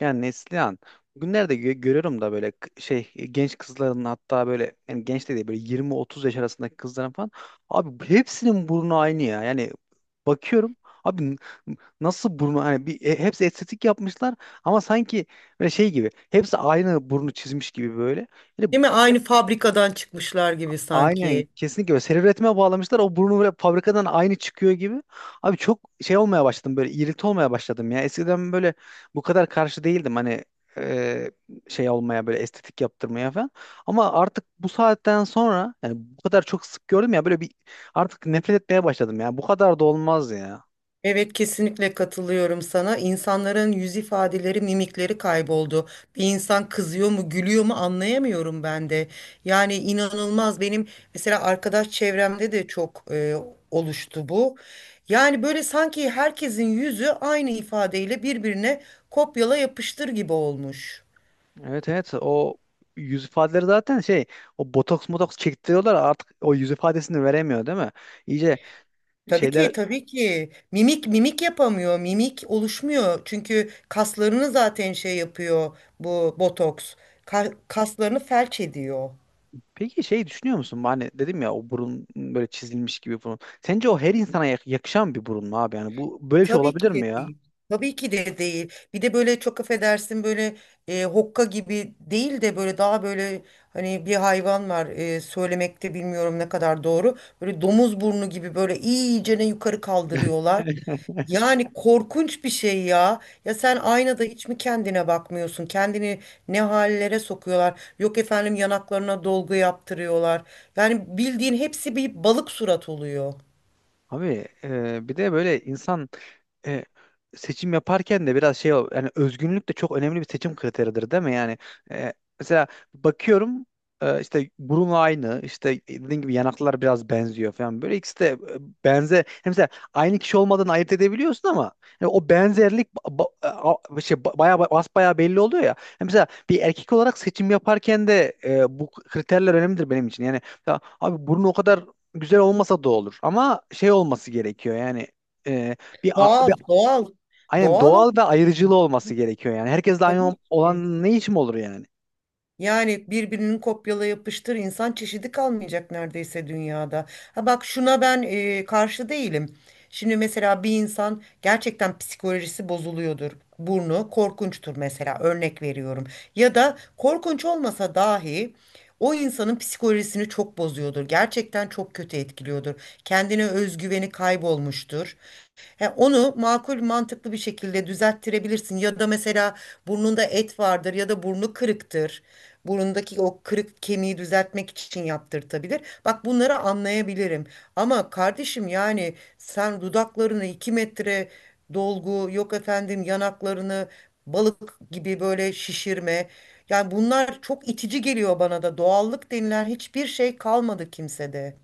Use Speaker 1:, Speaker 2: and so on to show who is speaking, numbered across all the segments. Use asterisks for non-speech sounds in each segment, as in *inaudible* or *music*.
Speaker 1: Yani Neslihan bugünlerde görüyorum da böyle genç kızların, hatta böyle, yani genç de değil, böyle 20-30 yaş arasındaki kızların falan, abi hepsinin burnu aynı ya. Yani bakıyorum abi, nasıl burnu, hani hepsi estetik yapmışlar ama sanki böyle şey gibi hepsi aynı burnu çizmiş gibi böyle.
Speaker 2: Değil mi? Aynı fabrikadan çıkmışlar gibi
Speaker 1: Aynen,
Speaker 2: sanki.
Speaker 1: kesinlikle öyle. Seri üretime bağlamışlar. O burnu böyle fabrikadan aynı çıkıyor gibi. Abi çok şey olmaya başladım, böyle irrite olmaya başladım ya. Eskiden böyle bu kadar karşı değildim hani, e, şey olmaya, böyle estetik yaptırmaya falan. Ama artık bu saatten sonra, yani bu kadar çok sık gördüm ya böyle, bir artık nefret etmeye başladım ya. Bu kadar da olmaz ya.
Speaker 2: Evet, kesinlikle katılıyorum sana. İnsanların yüz ifadeleri, mimikleri kayboldu. Bir insan kızıyor mu, gülüyor mu anlayamıyorum ben de. Yani inanılmaz benim mesela arkadaş çevremde de çok oluştu bu. Yani böyle sanki herkesin yüzü aynı ifadeyle birbirine kopyala yapıştır gibi olmuş.
Speaker 1: Evet, evet, o yüz ifadeleri zaten şey, o botoks motoks çektiriyorlar, artık o yüz ifadesini veremiyor değil mi? İyice
Speaker 2: Tabii
Speaker 1: şeyler.
Speaker 2: ki, tabii ki. Mimik yapamıyor. Mimik oluşmuyor. Çünkü kaslarını zaten şey yapıyor bu botoks. Kaslarını felç ediyor.
Speaker 1: Peki şey düşünüyor musun? Hani dedim ya, o burun böyle çizilmiş gibi burun. Sence o her insana yakışan bir burun mu abi? Yani bu böyle bir şey
Speaker 2: Tabii
Speaker 1: olabilir
Speaker 2: ki de
Speaker 1: mi ya?
Speaker 2: değil. Tabii ki de değil. Bir de böyle çok affedersin böyle hokka gibi değil de böyle daha böyle hani bir hayvan var, söylemekte bilmiyorum ne kadar doğru. Böyle domuz burnu gibi böyle iyicene yukarı kaldırıyorlar.
Speaker 1: *laughs*
Speaker 2: Yani korkunç bir şey ya. Ya sen aynada hiç mi kendine bakmıyorsun? Kendini ne hallere sokuyorlar? Yok efendim, yanaklarına dolgu yaptırıyorlar. Yani bildiğin hepsi bir balık surat oluyor.
Speaker 1: Abi bir de böyle insan E, seçim yaparken de biraz yani özgünlük de çok önemli bir seçim kriteridir değil mi? Yani, e, mesela bakıyorum, işte burun aynı, işte dediğim gibi yanaklar biraz benziyor falan, böyle ikisi de benze, yani mesela aynı kişi olmadan ayırt edebiliyorsun ama yani o benzerlik bayağı, basbayağı belli oluyor ya. Yani mesela bir erkek olarak seçim yaparken de, bu kriterler önemlidir benim için. Yani ya, abi burun o kadar güzel olmasa da olur, ama şey olması gerekiyor yani, e, bir,
Speaker 2: Doğal, doğal.
Speaker 1: aynen,
Speaker 2: Doğal
Speaker 1: doğal ve
Speaker 2: oluyor.
Speaker 1: ayrıcılığı
Speaker 2: *laughs*
Speaker 1: olması gerekiyor yani. Herkesle aynı
Speaker 2: Tabii ki.
Speaker 1: olan ne için olur yani?
Speaker 2: Yani birbirinin kopyala yapıştır insan çeşidi kalmayacak neredeyse dünyada. Ha bak, şuna ben karşı değilim. Şimdi mesela bir insan gerçekten psikolojisi bozuluyordur. Burnu korkunçtur mesela, örnek veriyorum. Ya da korkunç olmasa dahi o insanın psikolojisini çok bozuyordur. Gerçekten çok kötü etkiliyordur. Kendine özgüveni kaybolmuştur. He, onu makul mantıklı bir şekilde düzelttirebilirsin ya da mesela burnunda et vardır ya da burnu kırıktır. Burundaki o kırık kemiği düzeltmek için yaptırtabilir. Bak, bunları anlayabilirim. Ama kardeşim yani sen dudaklarını 2 metre dolgu, yok efendim yanaklarını balık gibi böyle şişirme. Yani bunlar çok itici geliyor bana da. Doğallık denilen hiçbir şey kalmadı kimsede.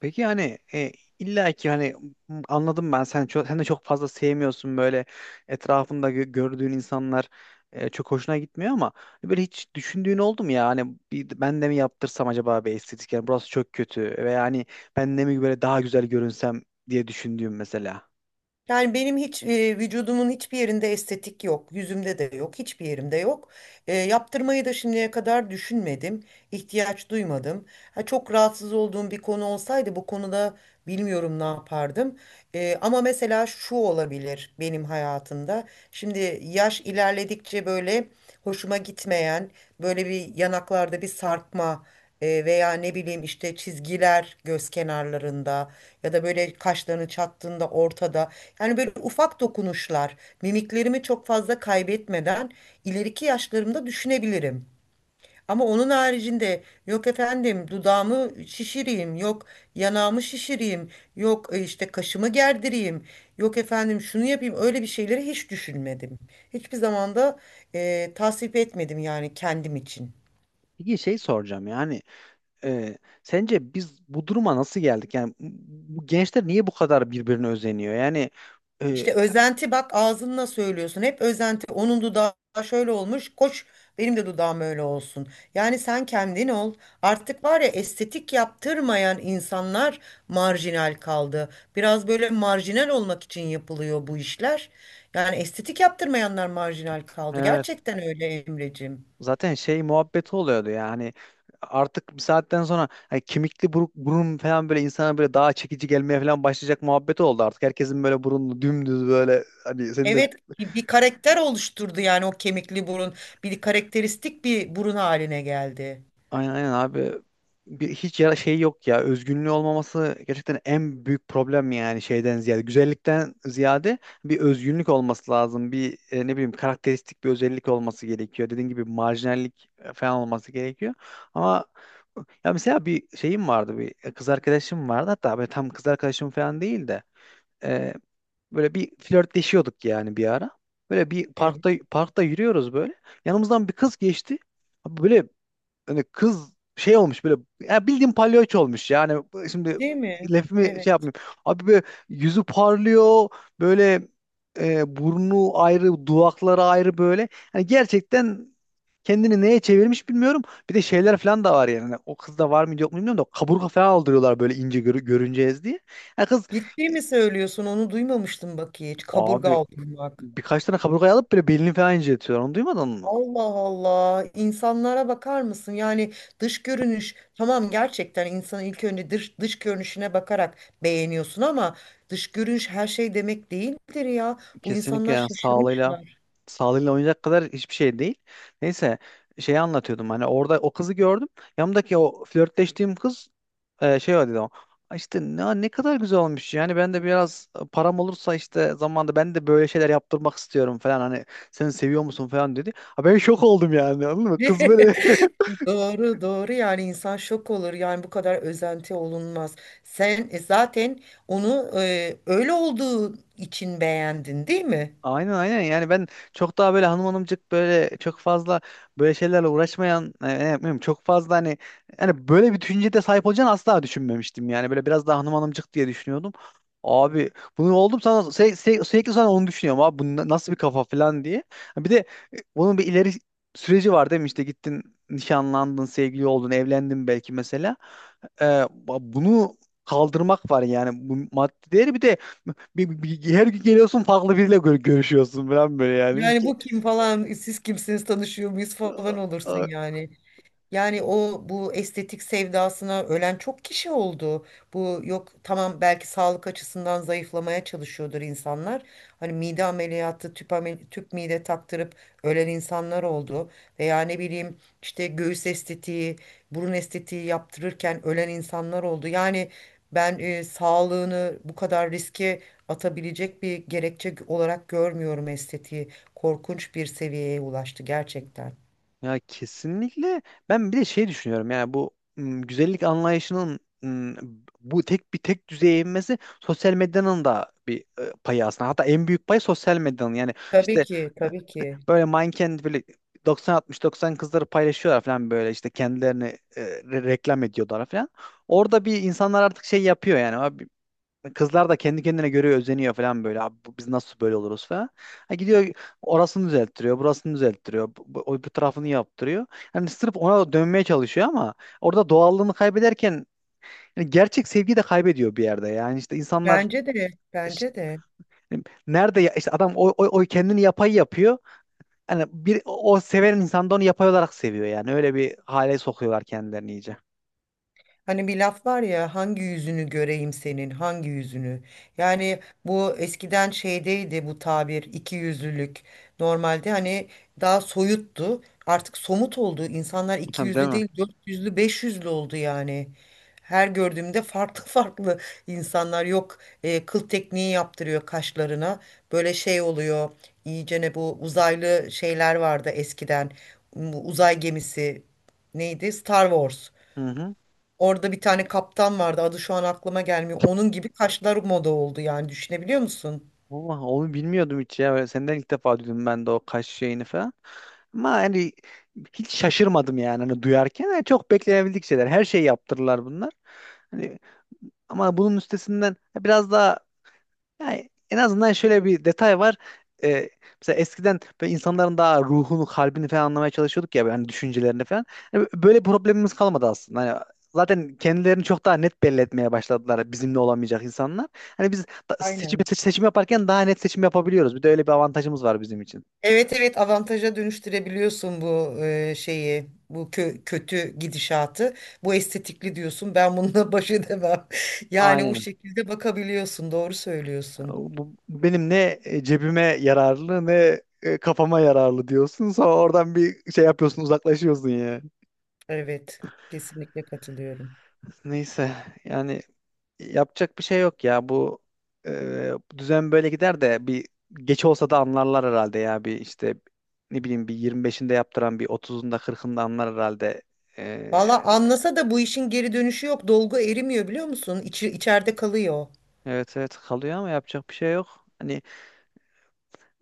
Speaker 1: Peki hani, illa ki hani, anladım ben, sen de çok fazla sevmiyorsun böyle, etrafında gördüğün insanlar, çok hoşuna gitmiyor, ama böyle hiç düşündüğün oldu mu ya, hani bir, ben de mi yaptırsam acaba bir estetik, yani burası çok kötü ve yani ben de mi böyle daha güzel görünsem diye düşündüğüm mesela.
Speaker 2: Yani benim hiç vücudumun hiçbir yerinde estetik yok. Yüzümde de yok. Hiçbir yerimde yok. Yaptırmayı da şimdiye kadar düşünmedim. İhtiyaç duymadım. Ha, çok rahatsız olduğum bir konu olsaydı bu konuda bilmiyorum ne yapardım. Ama mesela şu olabilir benim hayatımda. Şimdi yaş ilerledikçe böyle hoşuma gitmeyen böyle bir yanaklarda bir sarkma, veya ne bileyim işte çizgiler göz kenarlarında ya da böyle kaşlarını çattığında ortada. Yani böyle ufak dokunuşlar mimiklerimi çok fazla kaybetmeden ileriki yaşlarımda düşünebilirim. Ama onun haricinde yok efendim dudağımı şişireyim, yok yanağımı şişireyim, yok işte kaşımı gerdireyim, yok efendim şunu yapayım, öyle bir şeyleri hiç düşünmedim. Hiçbir zaman da tasvip etmedim yani kendim için.
Speaker 1: Peki şey soracağım yani, sence biz bu duruma nasıl geldik yani, bu bu gençler niye bu kadar birbirine özeniyor yani, e,
Speaker 2: İşte özenti, bak ağzınla söylüyorsun. Hep özenti. Onun dudağı şöyle olmuş. Koş, benim de dudağım öyle olsun. Yani sen kendin ol. Artık var ya, estetik yaptırmayan insanlar marjinal kaldı. Biraz böyle marjinal olmak için yapılıyor bu işler. Yani estetik yaptırmayanlar marjinal kaldı.
Speaker 1: evet.
Speaker 2: Gerçekten öyle Emreciğim.
Speaker 1: Zaten şey muhabbeti oluyordu yani, artık bir saatten sonra, hani kemikli buruk, burun falan böyle, insana böyle daha çekici gelmeye falan başlayacak muhabbeti oldu artık. Herkesin böyle burunlu dümdüz böyle, hani senin de
Speaker 2: Evet, bir karakter oluşturdu yani o kemikli burun. Bir karakteristik bir burun haline geldi.
Speaker 1: aynen aynen abi. Bir, hiç yara şey yok ya. Özgünlüğü olmaması gerçekten en büyük problem, yani şeyden ziyade. Güzellikten ziyade bir özgünlük olması lazım. Bir, ne bileyim, karakteristik bir özellik olması gerekiyor. Dediğin gibi marjinallik falan olması gerekiyor. Ama, ya mesela bir şeyim vardı. Bir kız arkadaşım vardı. Hatta böyle tam kız arkadaşım falan değil de, e, böyle bir flörtleşiyorduk yani bir ara. Böyle bir
Speaker 2: Evet.
Speaker 1: parkta yürüyoruz böyle. Yanımızdan bir kız geçti. Böyle hani kız şey olmuş böyle, ya bildiğin palyaço olmuş yani, şimdi
Speaker 2: Değil mi?
Speaker 1: lafımı şey
Speaker 2: Evet.
Speaker 1: yapmayayım. Abi böyle yüzü parlıyor böyle, burnu ayrı, dudakları ayrı böyle. Hani gerçekten kendini neye çevirmiş bilmiyorum. Bir de şeyler falan da var yani. Hani o kızda var mı yok mu bilmiyorum da kaburga falan aldırıyorlar böyle, ince görüneceğiz diye. Yani kız,
Speaker 2: Ciddi
Speaker 1: e,
Speaker 2: mi söylüyorsun? Onu duymamıştım bak hiç. Kaburga
Speaker 1: abi
Speaker 2: aldırmak.
Speaker 1: birkaç tane kaburgayı alıp böyle belini falan inceltiyorlar. Onu duymadın mı?
Speaker 2: Allah Allah. İnsanlara bakar mısın? Yani dış görünüş tamam, gerçekten insanın ilk önce dış, dış görünüşüne bakarak beğeniyorsun ama dış görünüş her şey demek değildir ya. Bu
Speaker 1: Kesinlikle
Speaker 2: insanlar
Speaker 1: yani, sağlığıyla
Speaker 2: şaşırmışlar.
Speaker 1: sağlığıyla oynayacak kadar hiçbir şey değil. Neyse, şeyi anlatıyordum, hani orada o kızı gördüm. Yanımdaki o flörtleştiğim kız, şey o dedi o. "Ay İşte ne kadar güzel olmuş yani, ben de biraz, param olursa işte zamanda ben de böyle şeyler yaptırmak istiyorum" falan. Hani seni seviyor musun falan dedi. Ha, ben şok oldum yani, anladın mı? Kız böyle *laughs*
Speaker 2: *laughs* Doğru doğru, yani insan şok olur yani, bu kadar özenti olunmaz. Sen zaten onu öyle olduğu için beğendin, değil mi?
Speaker 1: Aynen, aynen, yani ben çok daha böyle hanım hanımcık, böyle çok fazla böyle şeylerle uğraşmayan, ne yapmıyorum çok fazla, hani yani böyle bir düşüncede sahip olacağını asla düşünmemiştim yani, böyle biraz daha hanım hanımcık diye düşünüyordum. Abi bunu oldum sana, sürekli sonra onu düşünüyorum abi bu nasıl bir kafa falan diye. Ha, bir de bunun bir ileri süreci var değil mi, işte gittin, nişanlandın, sevgili oldun, evlendin belki mesela, e, bunu kaldırmak var yani, bu maddi değeri, bir de bir, her gün geliyorsun, farklı biriyle görüşüyorsun falan böyle, yani ilk
Speaker 2: Yani bu kim falan, siz kimsiniz, tanışıyor muyuz falan olursun
Speaker 1: A-
Speaker 2: yani. Yani o bu estetik sevdasına ölen çok kişi oldu. Bu yok tamam, belki sağlık açısından zayıflamaya çalışıyordur insanlar. Hani mide ameliyatı, tüp, tüp mide taktırıp ölen insanlar oldu. Veya ne bileyim işte göğüs estetiği, burun estetiği yaptırırken ölen insanlar oldu. Yani ben sağlığını bu kadar riske atabilecek bir gerekçe olarak görmüyorum estetiği. Korkunç bir seviyeye ulaştı gerçekten.
Speaker 1: ya kesinlikle. Ben bir de şey düşünüyorum yani, bu güzellik anlayışının, bu tek bir tek düzeye inmesi, sosyal medyanın da bir payı aslında, hatta en büyük pay sosyal medyanın yani,
Speaker 2: Tabii
Speaker 1: işte
Speaker 2: ki, tabii ki.
Speaker 1: böyle manken böyle 90-60-90 kızları paylaşıyorlar falan, böyle işte kendilerini, reklam ediyorlar falan. Orada bir insanlar artık şey yapıyor yani, abi kızlar da kendi kendine göre özeniyor falan böyle, abi biz nasıl böyle oluruz falan. Ha, gidiyor orasını düzelttiriyor, burasını düzelttiriyor, bu tarafını yaptırıyor. Hani sırf ona dönmeye çalışıyor ama, orada doğallığını kaybederken yani gerçek sevgiyi de kaybediyor bir yerde yani, işte insanlar
Speaker 2: Bence de, bence
Speaker 1: işte,
Speaker 2: de.
Speaker 1: hani nerede ya, işte adam o kendini yapay yapıyor. Hani bir o seven insan da onu yapay olarak seviyor yani. Öyle bir hale sokuyorlar kendilerini iyice.
Speaker 2: Hani bir laf var ya, hangi yüzünü göreyim senin, hangi yüzünü? Yani bu eskiden şeydeydi, bu tabir iki yüzlülük. Normalde hani daha soyuttu. Artık somut oldu. İnsanlar
Speaker 1: *laughs*
Speaker 2: iki
Speaker 1: Değil
Speaker 2: yüzlü
Speaker 1: mi?
Speaker 2: değil, dört yüzlü beş yüzlü oldu yani. Her gördüğümde farklı *laughs* farklı insanlar, yok kıl tekniği yaptırıyor kaşlarına. Böyle şey oluyor. İyice ne bu uzaylı şeyler vardı eskiden. Bu uzay gemisi neydi? Star Wars.
Speaker 1: Hı hı.
Speaker 2: Orada bir tane kaptan vardı. Adı şu an aklıma gelmiyor. Onun gibi kaşlar moda oldu yani, düşünebiliyor musun?
Speaker 1: Vallahi onu bilmiyordum hiç ya. Böyle senden ilk defa duydum ben de o kaş şeyini falan. Ama hani hiç şaşırmadım yani hani duyarken. Yani çok beklenebildik şeyler. Her şeyi yaptırırlar bunlar. Hani ama bunun üstesinden biraz daha, yani en azından şöyle bir detay var. Ee, Mesela eskiden böyle insanların daha ruhunu, kalbini falan anlamaya çalışıyorduk ya yani, düşüncelerini falan. Hani böyle bir problemimiz kalmadı aslında. Hani zaten kendilerini çok daha net belli etmeye başladılar, bizimle olamayacak insanlar. Hani biz
Speaker 2: Aynen.
Speaker 1: seçim yaparken daha net seçim yapabiliyoruz. Bir de öyle bir avantajımız var bizim için.
Speaker 2: Evet evet, avantaja dönüştürebiliyorsun bu şeyi, bu kötü gidişatı, bu estetikli diyorsun, ben bununla baş edemem *laughs* yani bu
Speaker 1: Aynen.
Speaker 2: şekilde bakabiliyorsun, doğru söylüyorsun.
Speaker 1: Bu benim ne cebime yararlı, ne kafama yararlı diyorsun. Sonra oradan bir şey yapıyorsun, uzaklaşıyorsun ya.
Speaker 2: Evet, kesinlikle katılıyorum.
Speaker 1: Neyse yani, yapacak bir şey yok ya. Bu bu düzen böyle gider de bir geç olsa da anlarlar herhalde ya. Bir işte ne bileyim, bir 25'inde yaptıran bir 30'unda 40'ında anlar herhalde. E,
Speaker 2: Valla anlasa da bu işin geri dönüşü yok, dolgu erimiyor biliyor musun? İçi, içeride kalıyor.
Speaker 1: evet, evet, kalıyor ama yapacak bir şey yok. Hani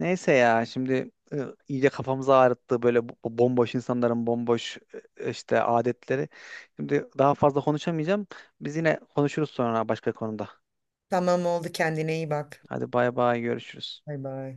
Speaker 1: neyse ya, şimdi iyice kafamızı ağrıttı böyle bu bomboş insanların bomboş, işte adetleri. Şimdi daha fazla konuşamayacağım. Biz yine konuşuruz sonra başka konuda.
Speaker 2: Tamam, oldu, kendine iyi bak.
Speaker 1: Hadi bay bay, görüşürüz.
Speaker 2: Bay bay.